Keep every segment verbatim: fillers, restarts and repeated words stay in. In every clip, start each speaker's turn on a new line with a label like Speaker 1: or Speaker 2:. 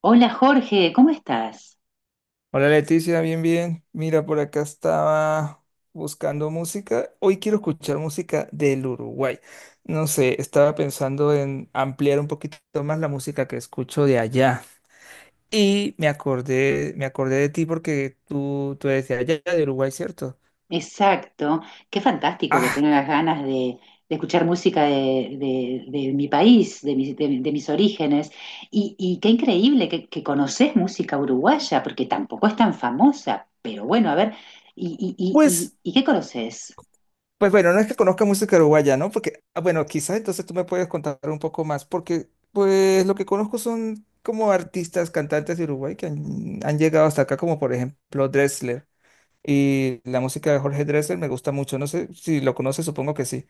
Speaker 1: Hola Jorge, ¿cómo estás?
Speaker 2: Hola Leticia, bien, bien. Mira, por acá estaba buscando música. Hoy quiero escuchar música del Uruguay. No sé, estaba pensando en ampliar un poquito más la música que escucho de allá. Y me acordé, me acordé de ti porque tú, tú eres de allá, de Uruguay, ¿cierto?
Speaker 1: Exacto, qué fantástico que
Speaker 2: Ah,
Speaker 1: tengas ganas de, de escuchar música de, de- de mi país, de mis, de- de mis orígenes. Y, y qué increíble que, que conoces música uruguaya, porque tampoco es tan famosa. Pero bueno, a ver, ¿y, y- y-
Speaker 2: pues
Speaker 1: y- y qué conoces?
Speaker 2: pues bueno, no es que conozca música uruguaya, ¿no? Porque, ah, bueno, quizás entonces tú me puedes contar un poco más, porque pues lo que conozco son como artistas, cantantes de Uruguay que han, han llegado hasta acá, como por ejemplo Dressler. Y la música de Jorge Dressler me gusta mucho, no sé si lo conoces, supongo que sí.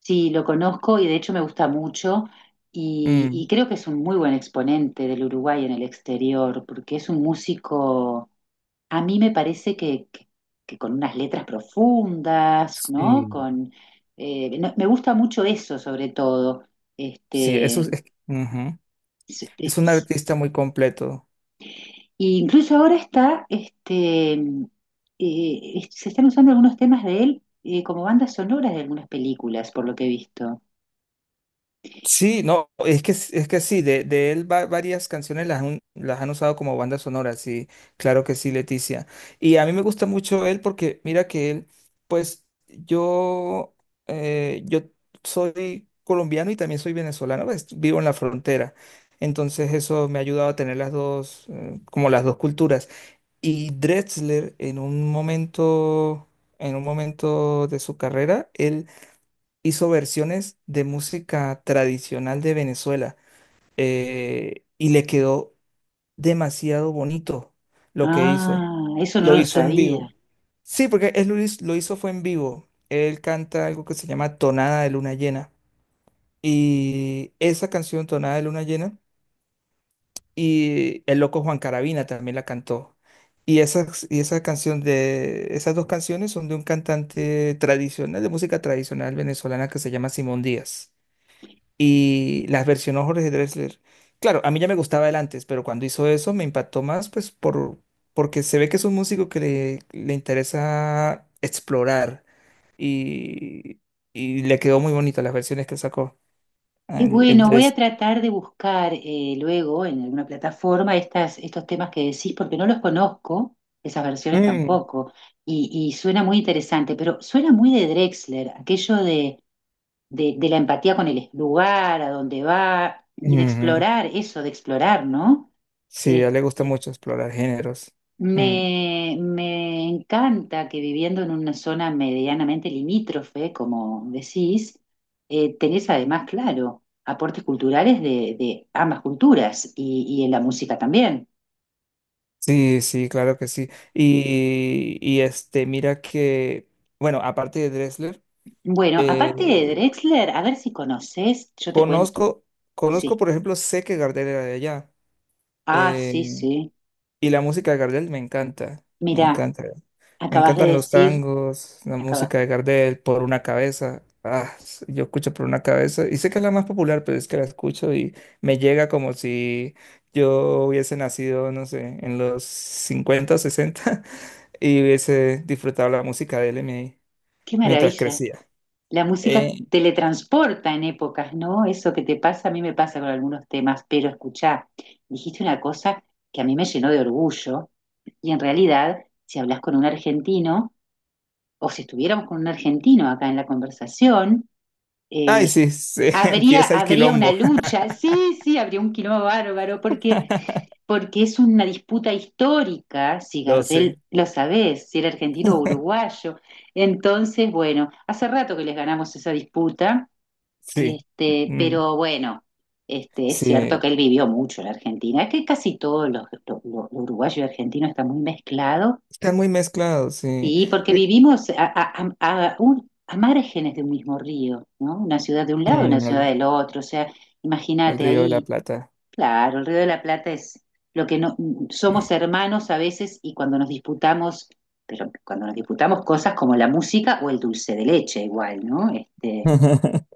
Speaker 1: Sí, lo conozco y de hecho me gusta mucho y, y
Speaker 2: Mm,
Speaker 1: creo que es un muy buen exponente del Uruguay en el exterior, porque es un músico. A mí me parece que, que- Que con unas letras profundas, ¿no?
Speaker 2: sí,
Speaker 1: Con, eh, no- me gusta mucho eso, sobre todo.
Speaker 2: sí, eso
Speaker 1: Este,
Speaker 2: es, ujú.
Speaker 1: s-
Speaker 2: Es un
Speaker 1: es-
Speaker 2: artista muy completo.
Speaker 1: y incluso ahora está, este, mm, eh, es- se están usando algunos temas de él eh, como bandas sonoras de algunas películas, por lo que he visto.
Speaker 2: Sí, no, es que, es que sí, de, de él va- varias canciones las, han- las han usado como banda sonora, sí, claro que sí, Leticia. Y a mí me gusta mucho él porque mira que él, pues yo, eh, yo soy colombiano y también soy venezolano, pues, vivo en la frontera. Entonces eso me ha ayudado a tener las dos, eh, como las dos culturas. Y Drexler en un momento, en un momento de su carrera, él hizo versiones de música tradicional de Venezuela eh, y le quedó demasiado bonito lo que hizo.
Speaker 1: Ah, eso no
Speaker 2: Lo
Speaker 1: lo
Speaker 2: hizo en vivo.
Speaker 1: sabía.
Speaker 2: Sí, porque él lo hiz- lo hizo fue en vivo. Él canta algo que se llama Tonada de Luna Llena. Y esa canción, Tonada de Luna Llena, y el loco Juan Carabina también la cantó. Y esas, y esa canción de, esas dos canciones son de un cantante tradicional, de música tradicional venezolana que se llama Simón Díaz, y las versionó Jorge Drexler. Claro, a mí ya me gustaba él antes, pero cuando hizo eso me impactó más, pues por, porque se ve que es un músico que le, le interesa explorar, y, y le quedó muy bonita las versiones que sacó
Speaker 1: Y
Speaker 2: el, el
Speaker 1: bueno, voy a
Speaker 2: Drexler.
Speaker 1: tratar de buscar eh, luego en alguna plataforma estas, estos temas que decís, porque no los conozco, esas versiones
Speaker 2: Mm,
Speaker 1: tampoco, y, y suena muy interesante, pero suena muy de Drexler, aquello de, de, de la empatía con el lugar, a dónde va, y de
Speaker 2: ujú.
Speaker 1: explorar eso, de explorar, ¿no?
Speaker 2: Sí, a él le gusta
Speaker 1: Este,
Speaker 2: mucho explorar géneros. Mm.
Speaker 1: me, me encanta que viviendo en una zona medianamente limítrofe, como decís, eh, tenés además, claro, aportes culturales de, de ambas culturas y, y en la música también.
Speaker 2: Sí, sí, claro que sí. Y, y este, mira que, bueno, aparte de Drexler,
Speaker 1: Bueno, aparte de
Speaker 2: eh,
Speaker 1: Drexler, a ver si conoces, yo te cuento.
Speaker 2: conozco, conozco,
Speaker 1: Sí.
Speaker 2: por ejemplo, sé que Gardel era de allá.
Speaker 1: Ah, sí,
Speaker 2: eh,
Speaker 1: sí.
Speaker 2: y la música de Gardel me encanta, me
Speaker 1: Mirá,
Speaker 2: encanta. Me
Speaker 1: acabas de
Speaker 2: encantan los
Speaker 1: decir,
Speaker 2: tangos, la
Speaker 1: acaba-
Speaker 2: música de Gardel, Por una cabeza. Ah, s- yo escucho Por una cabeza y sé que es la más popular, pero es que la escucho y me llega como si yo hubiese nacido, no sé, en los cincuenta o sesenta y hubiese disfrutado la música de él mi-
Speaker 1: qué
Speaker 2: mientras
Speaker 1: maravilla.
Speaker 2: crecía.
Speaker 1: La música
Speaker 2: Eh,
Speaker 1: teletransporta en épocas, ¿no? Eso que te pasa, a mí me pasa con algunos temas, pero escuchá, dijiste una cosa que a mí me llenó de orgullo y, en realidad, si hablas con un argentino o si estuviéramos con un argentino acá en la conversación,
Speaker 2: Ay,
Speaker 1: eh,
Speaker 2: sí, sí,
Speaker 1: habría,
Speaker 2: empieza el
Speaker 1: habría una
Speaker 2: quilombo.
Speaker 1: lucha, sí, sí, habría un quilombo bárbaro, porque, porque es una disputa histórica, si
Speaker 2: Lo
Speaker 1: Gardel
Speaker 2: sé.
Speaker 1: lo sabés, si era argentino o uruguayo. Entonces, bueno, hace rato que les ganamos esa disputa,
Speaker 2: Sí,
Speaker 1: este,
Speaker 2: mm,
Speaker 1: pero bueno, este, es cierto
Speaker 2: sí,
Speaker 1: que él vivió mucho en la Argentina. Es que casi todos los, los, los uruguayos y argentinos están muy mezclados,
Speaker 2: están muy mezclados, sí.
Speaker 1: y porque
Speaker 2: Ve-
Speaker 1: vivimos a, a, a- a un- a márgenes de un mismo río, ¿no? Una ciudad de un lado, una
Speaker 2: mm,
Speaker 1: ciudad
Speaker 2: el,
Speaker 1: del otro. O sea,
Speaker 2: el
Speaker 1: imagínate
Speaker 2: Río de la
Speaker 1: ahí,
Speaker 2: Plata.
Speaker 1: claro, el Río de la Plata es lo que, no somos hermanos a veces, y cuando nos disputamos, pero cuando nos disputamos cosas como la música o el dulce de leche, igual, ¿no? Este,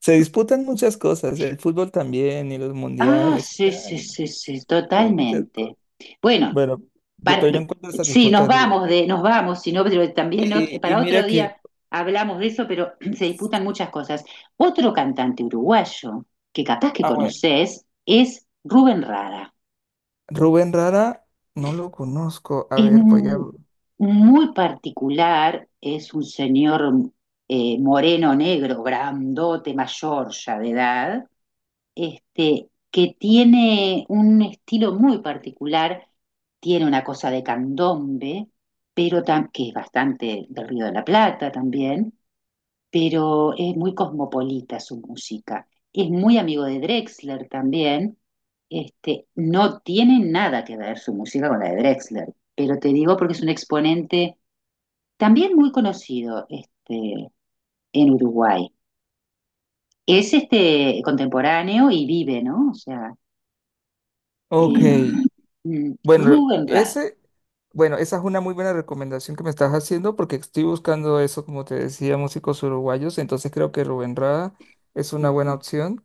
Speaker 2: Se disputan muchas cosas, el fútbol también y los
Speaker 1: Ah,
Speaker 2: mundiales.
Speaker 1: sí, sí,
Speaker 2: Ay,
Speaker 1: sí, sí,
Speaker 2: son muchas cosas.
Speaker 1: totalmente. Bueno,
Speaker 2: Bueno, yo,
Speaker 1: para-
Speaker 2: pero yo encuentro estas
Speaker 1: sí, nos
Speaker 2: disputas
Speaker 1: vamos
Speaker 2: divertidas.
Speaker 1: de, nos vamos, sino pero también ot-
Speaker 2: Y, y
Speaker 1: para otro
Speaker 2: mira
Speaker 1: día
Speaker 2: que,
Speaker 1: hablamos de eso, pero se disputan muchas cosas. Otro cantante uruguayo que capaz que
Speaker 2: ah, bueno,
Speaker 1: conoces es Rubén Rada.
Speaker 2: Rubén Rara, no lo conozco. A
Speaker 1: Es
Speaker 2: ver, voy a...
Speaker 1: m- Muy particular, es un señor eh, moreno, negro, grandote, mayor ya de edad, este, que tiene un estilo muy particular, tiene una cosa de candombe, pero tam- que es bastante del Río de la Plata también, pero es muy cosmopolita su música. Es muy amigo de Drexler también. Este, no tiene nada que ver su música con la de Drexler, pero te digo porque es un exponente también muy conocido, este, en Uruguay. Es este contemporáneo y vive, ¿no? O sea,
Speaker 2: Ok,
Speaker 1: eh, mm.
Speaker 2: bueno,
Speaker 1: Rubén Rada.
Speaker 2: ese, bueno, esa es una muy buena recomendación que me estás haciendo porque estoy buscando eso, como te decía, músicos uruguayos, entonces creo que Rubén Rada es una buena opción.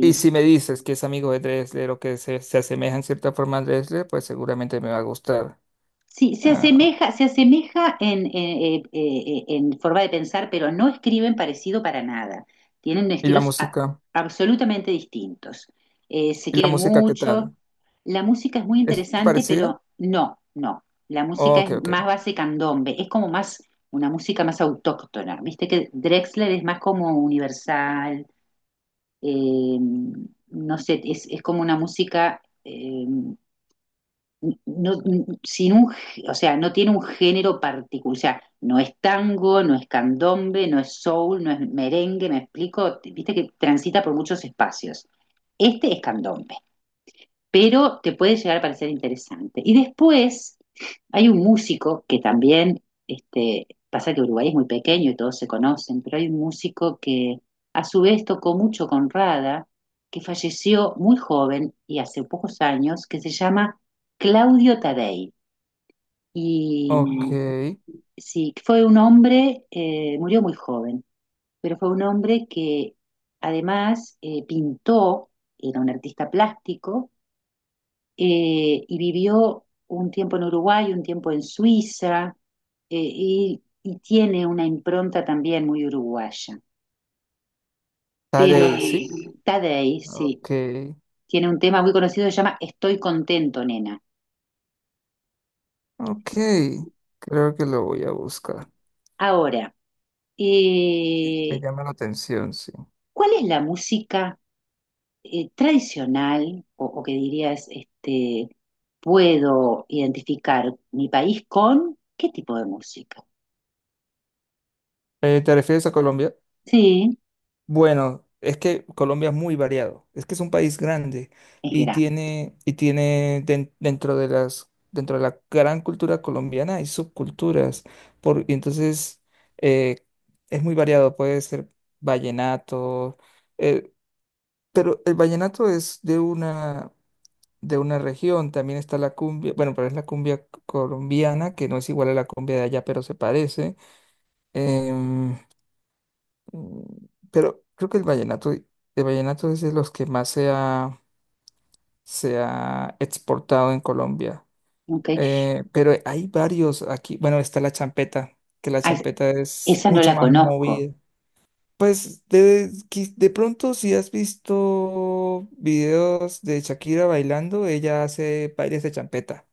Speaker 2: Y si me dices que es amigo de Dresler o que se, se asemeja en cierta forma a Dresler, pues seguramente me va a gustar.
Speaker 1: Sí, se
Speaker 2: Ah,
Speaker 1: asemeja, se asemeja en, eh, eh, eh, en, forma de pensar, pero no escriben parecido para nada. Tienen
Speaker 2: ¿y la
Speaker 1: estilos a,
Speaker 2: música?
Speaker 1: absolutamente distintos. Eh, se
Speaker 2: ¿Y la
Speaker 1: quieren
Speaker 2: música qué
Speaker 1: mucho.
Speaker 2: tal?
Speaker 1: La música es muy
Speaker 2: ¿Es
Speaker 1: interesante,
Speaker 2: parecida?
Speaker 1: pero no, no. La música
Speaker 2: Ok,
Speaker 1: es
Speaker 2: ok.
Speaker 1: más base candombe, es como más una música más autóctona. Viste que Drexler es más como universal, eh, no sé, es, es, como una música eh, no, sin un, o sea, no tiene un género particular, o sea, no es tango, no es candombe, no es soul, no es merengue, me explico, viste que transita por muchos espacios. Este es candombe, pero te puede llegar a parecer interesante. Y después hay un músico que también, este, pasa que Uruguay es muy pequeño y todos se conocen, pero hay un músico que a su vez tocó mucho con Rada, que falleció muy joven y hace pocos años, que se llama Claudio Tadei. Y
Speaker 2: Ok.
Speaker 1: mm, sí, fue un hombre, eh, murió muy joven, pero fue un hombre que además eh, pintó, era un artista plástico, eh, y vivió un tiempo en Uruguay, un tiempo en Suiza, eh, y, y tiene una impronta también muy uruguaya. Pero
Speaker 2: Tadei,
Speaker 1: ay,
Speaker 2: ¿sí?
Speaker 1: Tadei, sí,
Speaker 2: Ok.
Speaker 1: tiene un tema muy conocido que se llama Estoy contento, nena.
Speaker 2: Ok. Creo que lo voy a buscar.
Speaker 1: Ahora,
Speaker 2: Me
Speaker 1: eh,
Speaker 2: llama la atención, sí.
Speaker 1: ¿cuál es la música eh, tradicional o, o que dirías, este, puedo identificar mi país con qué tipo de música?
Speaker 2: Eh, ¿te refieres a Colombia?
Speaker 1: Sí,
Speaker 2: Bueno, es que Colombia es muy variado. Es que es un país grande
Speaker 1: es
Speaker 2: y
Speaker 1: gran.
Speaker 2: tiene, y tiene den- dentro de las, dentro de la gran cultura colombiana hay subculturas. Por, y entonces eh, es muy variado. Puede ser vallenato, eh, pero el vallenato es de una, de una región. También está la cumbia, bueno, pero es la cumbia colombiana, que no es igual a la cumbia de allá, pero se parece. em, Mm, Pero creo que el vallenato, el vallenato es de los que más se ha, se ha exportado en Colombia.
Speaker 1: Ok.
Speaker 2: Eh, pero hay varios aquí. Bueno, está la champeta, que la
Speaker 1: Ah,
Speaker 2: champeta es
Speaker 1: esa no
Speaker 2: mucho
Speaker 1: la
Speaker 2: más
Speaker 1: conozco.
Speaker 2: movida. Pues de, qui- de pronto si has visto videos de Shakira bailando, ella hace bailes de champeta,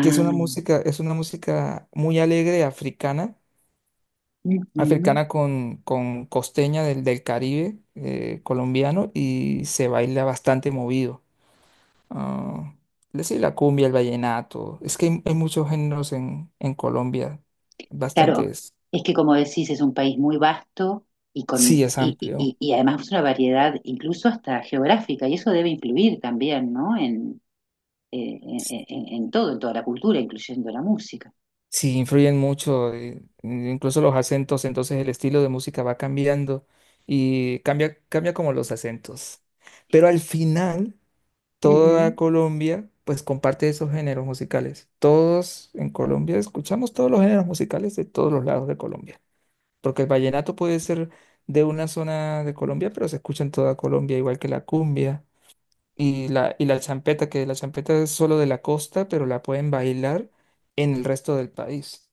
Speaker 2: que es una música, es una música muy alegre africana
Speaker 1: ujú.
Speaker 2: africana con, con costeña del, del Caribe eh, colombiano y se baila bastante movido. Ah, es decir, la cumbia, el vallenato. Es que hay, hay muchos géneros en, en Colombia,
Speaker 1: Claro,
Speaker 2: bastantes.
Speaker 1: es que como decís, es un país muy vasto y,
Speaker 2: Sí,
Speaker 1: con,
Speaker 2: es
Speaker 1: y, y,
Speaker 2: amplio.
Speaker 1: y- y además una variedad incluso hasta geográfica, y eso debe influir también, ¿no? En, eh, en, en- en todo, en toda la cultura, incluyendo la música.
Speaker 2: Sí, influyen mucho, eh, incluso los acentos, entonces el estilo de música va cambiando y cambia, cambia como los acentos. Pero al final
Speaker 1: Ujú.
Speaker 2: toda Colombia pues comparte esos géneros musicales. Todos en Colombia escuchamos todos los géneros musicales de todos los lados de Colombia, porque el vallenato puede ser de una zona de Colombia, pero se escucha en toda Colombia, igual que la cumbia y la, y la champeta, que la champeta es solo de la costa, pero la pueden bailar en el resto del país.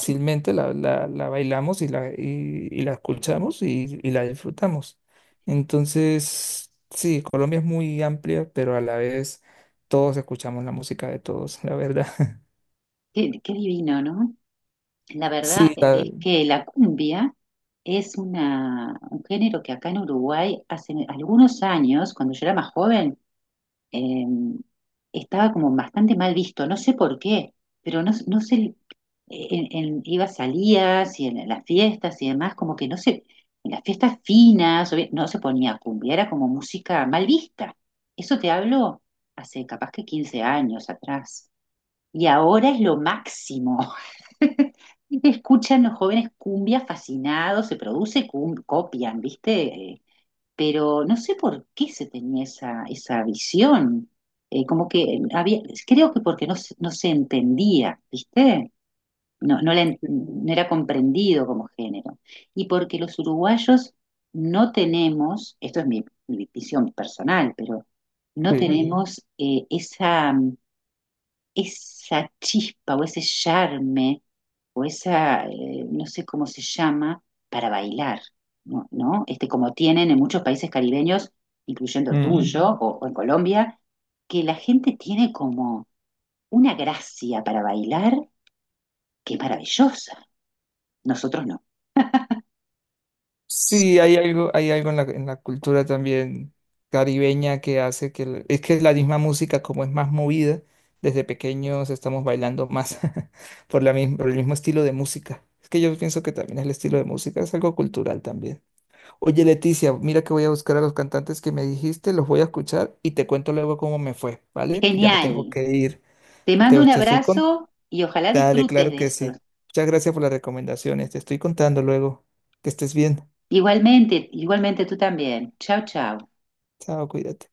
Speaker 1: Qué,
Speaker 2: la, la, la bailamos y la, y, y la escuchamos y, y la disfrutamos. Entonces, sí, Colombia es muy amplia, pero a la vez todos escuchamos la música de todos, la verdad.
Speaker 1: qué- qué divino, ¿no? La verdad
Speaker 2: Sí, la,
Speaker 1: es que la cumbia es una, un género que acá en Uruguay hace algunos años, cuando yo era más joven, eh, estaba como bastante mal visto, no sé por qué, pero no, no se, en, en- iba a salidas y en, las fiestas y demás, como que no se, en las fiestas finas, obvi- no se ponía cumbia, era como música mal vista. Eso te hablo hace capaz que quince años atrás. Y ahora es lo máximo. Escuchan los jóvenes cumbia fascinados, se produce, cum- copian, ¿viste? Pero no sé por qué se tenía esa, esa visión. Eh, como que había, creo que porque no, se- no se entendía, ¿viste? No, no, la en- no era comprendido como género. Y porque los uruguayos no tenemos, esto es mi, mi visión personal, pero no
Speaker 2: sí.
Speaker 1: tenemos eh, esa mm, esa chispa o ese charme o esa, eh, no sé cómo se llama, para bailar, ¿no? ¿No? Este, como tienen en muchos países caribeños, incluyendo el Mm.
Speaker 2: Mm.
Speaker 1: tuyo o, o en Colombia, que la gente tiene como una gracia para bailar que es maravillosa. Nosotros no.
Speaker 2: Sí, hay algo, hay algo en la, en la cultura también caribeña que hace que... el- Es que la misma música, como es más movida, desde pequeños estamos bailando más por la mis- por el mismo estilo de música. Es que yo pienso que también el estilo de música es algo cultural también. Oye, Leticia, mira que voy a buscar a los cantantes que me dijiste, los voy a escuchar y te cuento luego cómo me fue, ¿vale? Ya me tengo
Speaker 1: Genial.
Speaker 2: que ir.
Speaker 1: Te mando
Speaker 2: Te,
Speaker 1: un
Speaker 2: te estoy con...
Speaker 1: abrazo y ojalá
Speaker 2: Dale,
Speaker 1: disfrutes
Speaker 2: claro
Speaker 1: de
Speaker 2: que
Speaker 1: eso.
Speaker 2: sí. Muchas gracias por las recomendaciones. Te estoy contando luego. Que estés bien.
Speaker 1: Igualmente, igualmente tú también. Chao, chao.
Speaker 2: Chao, cuídate.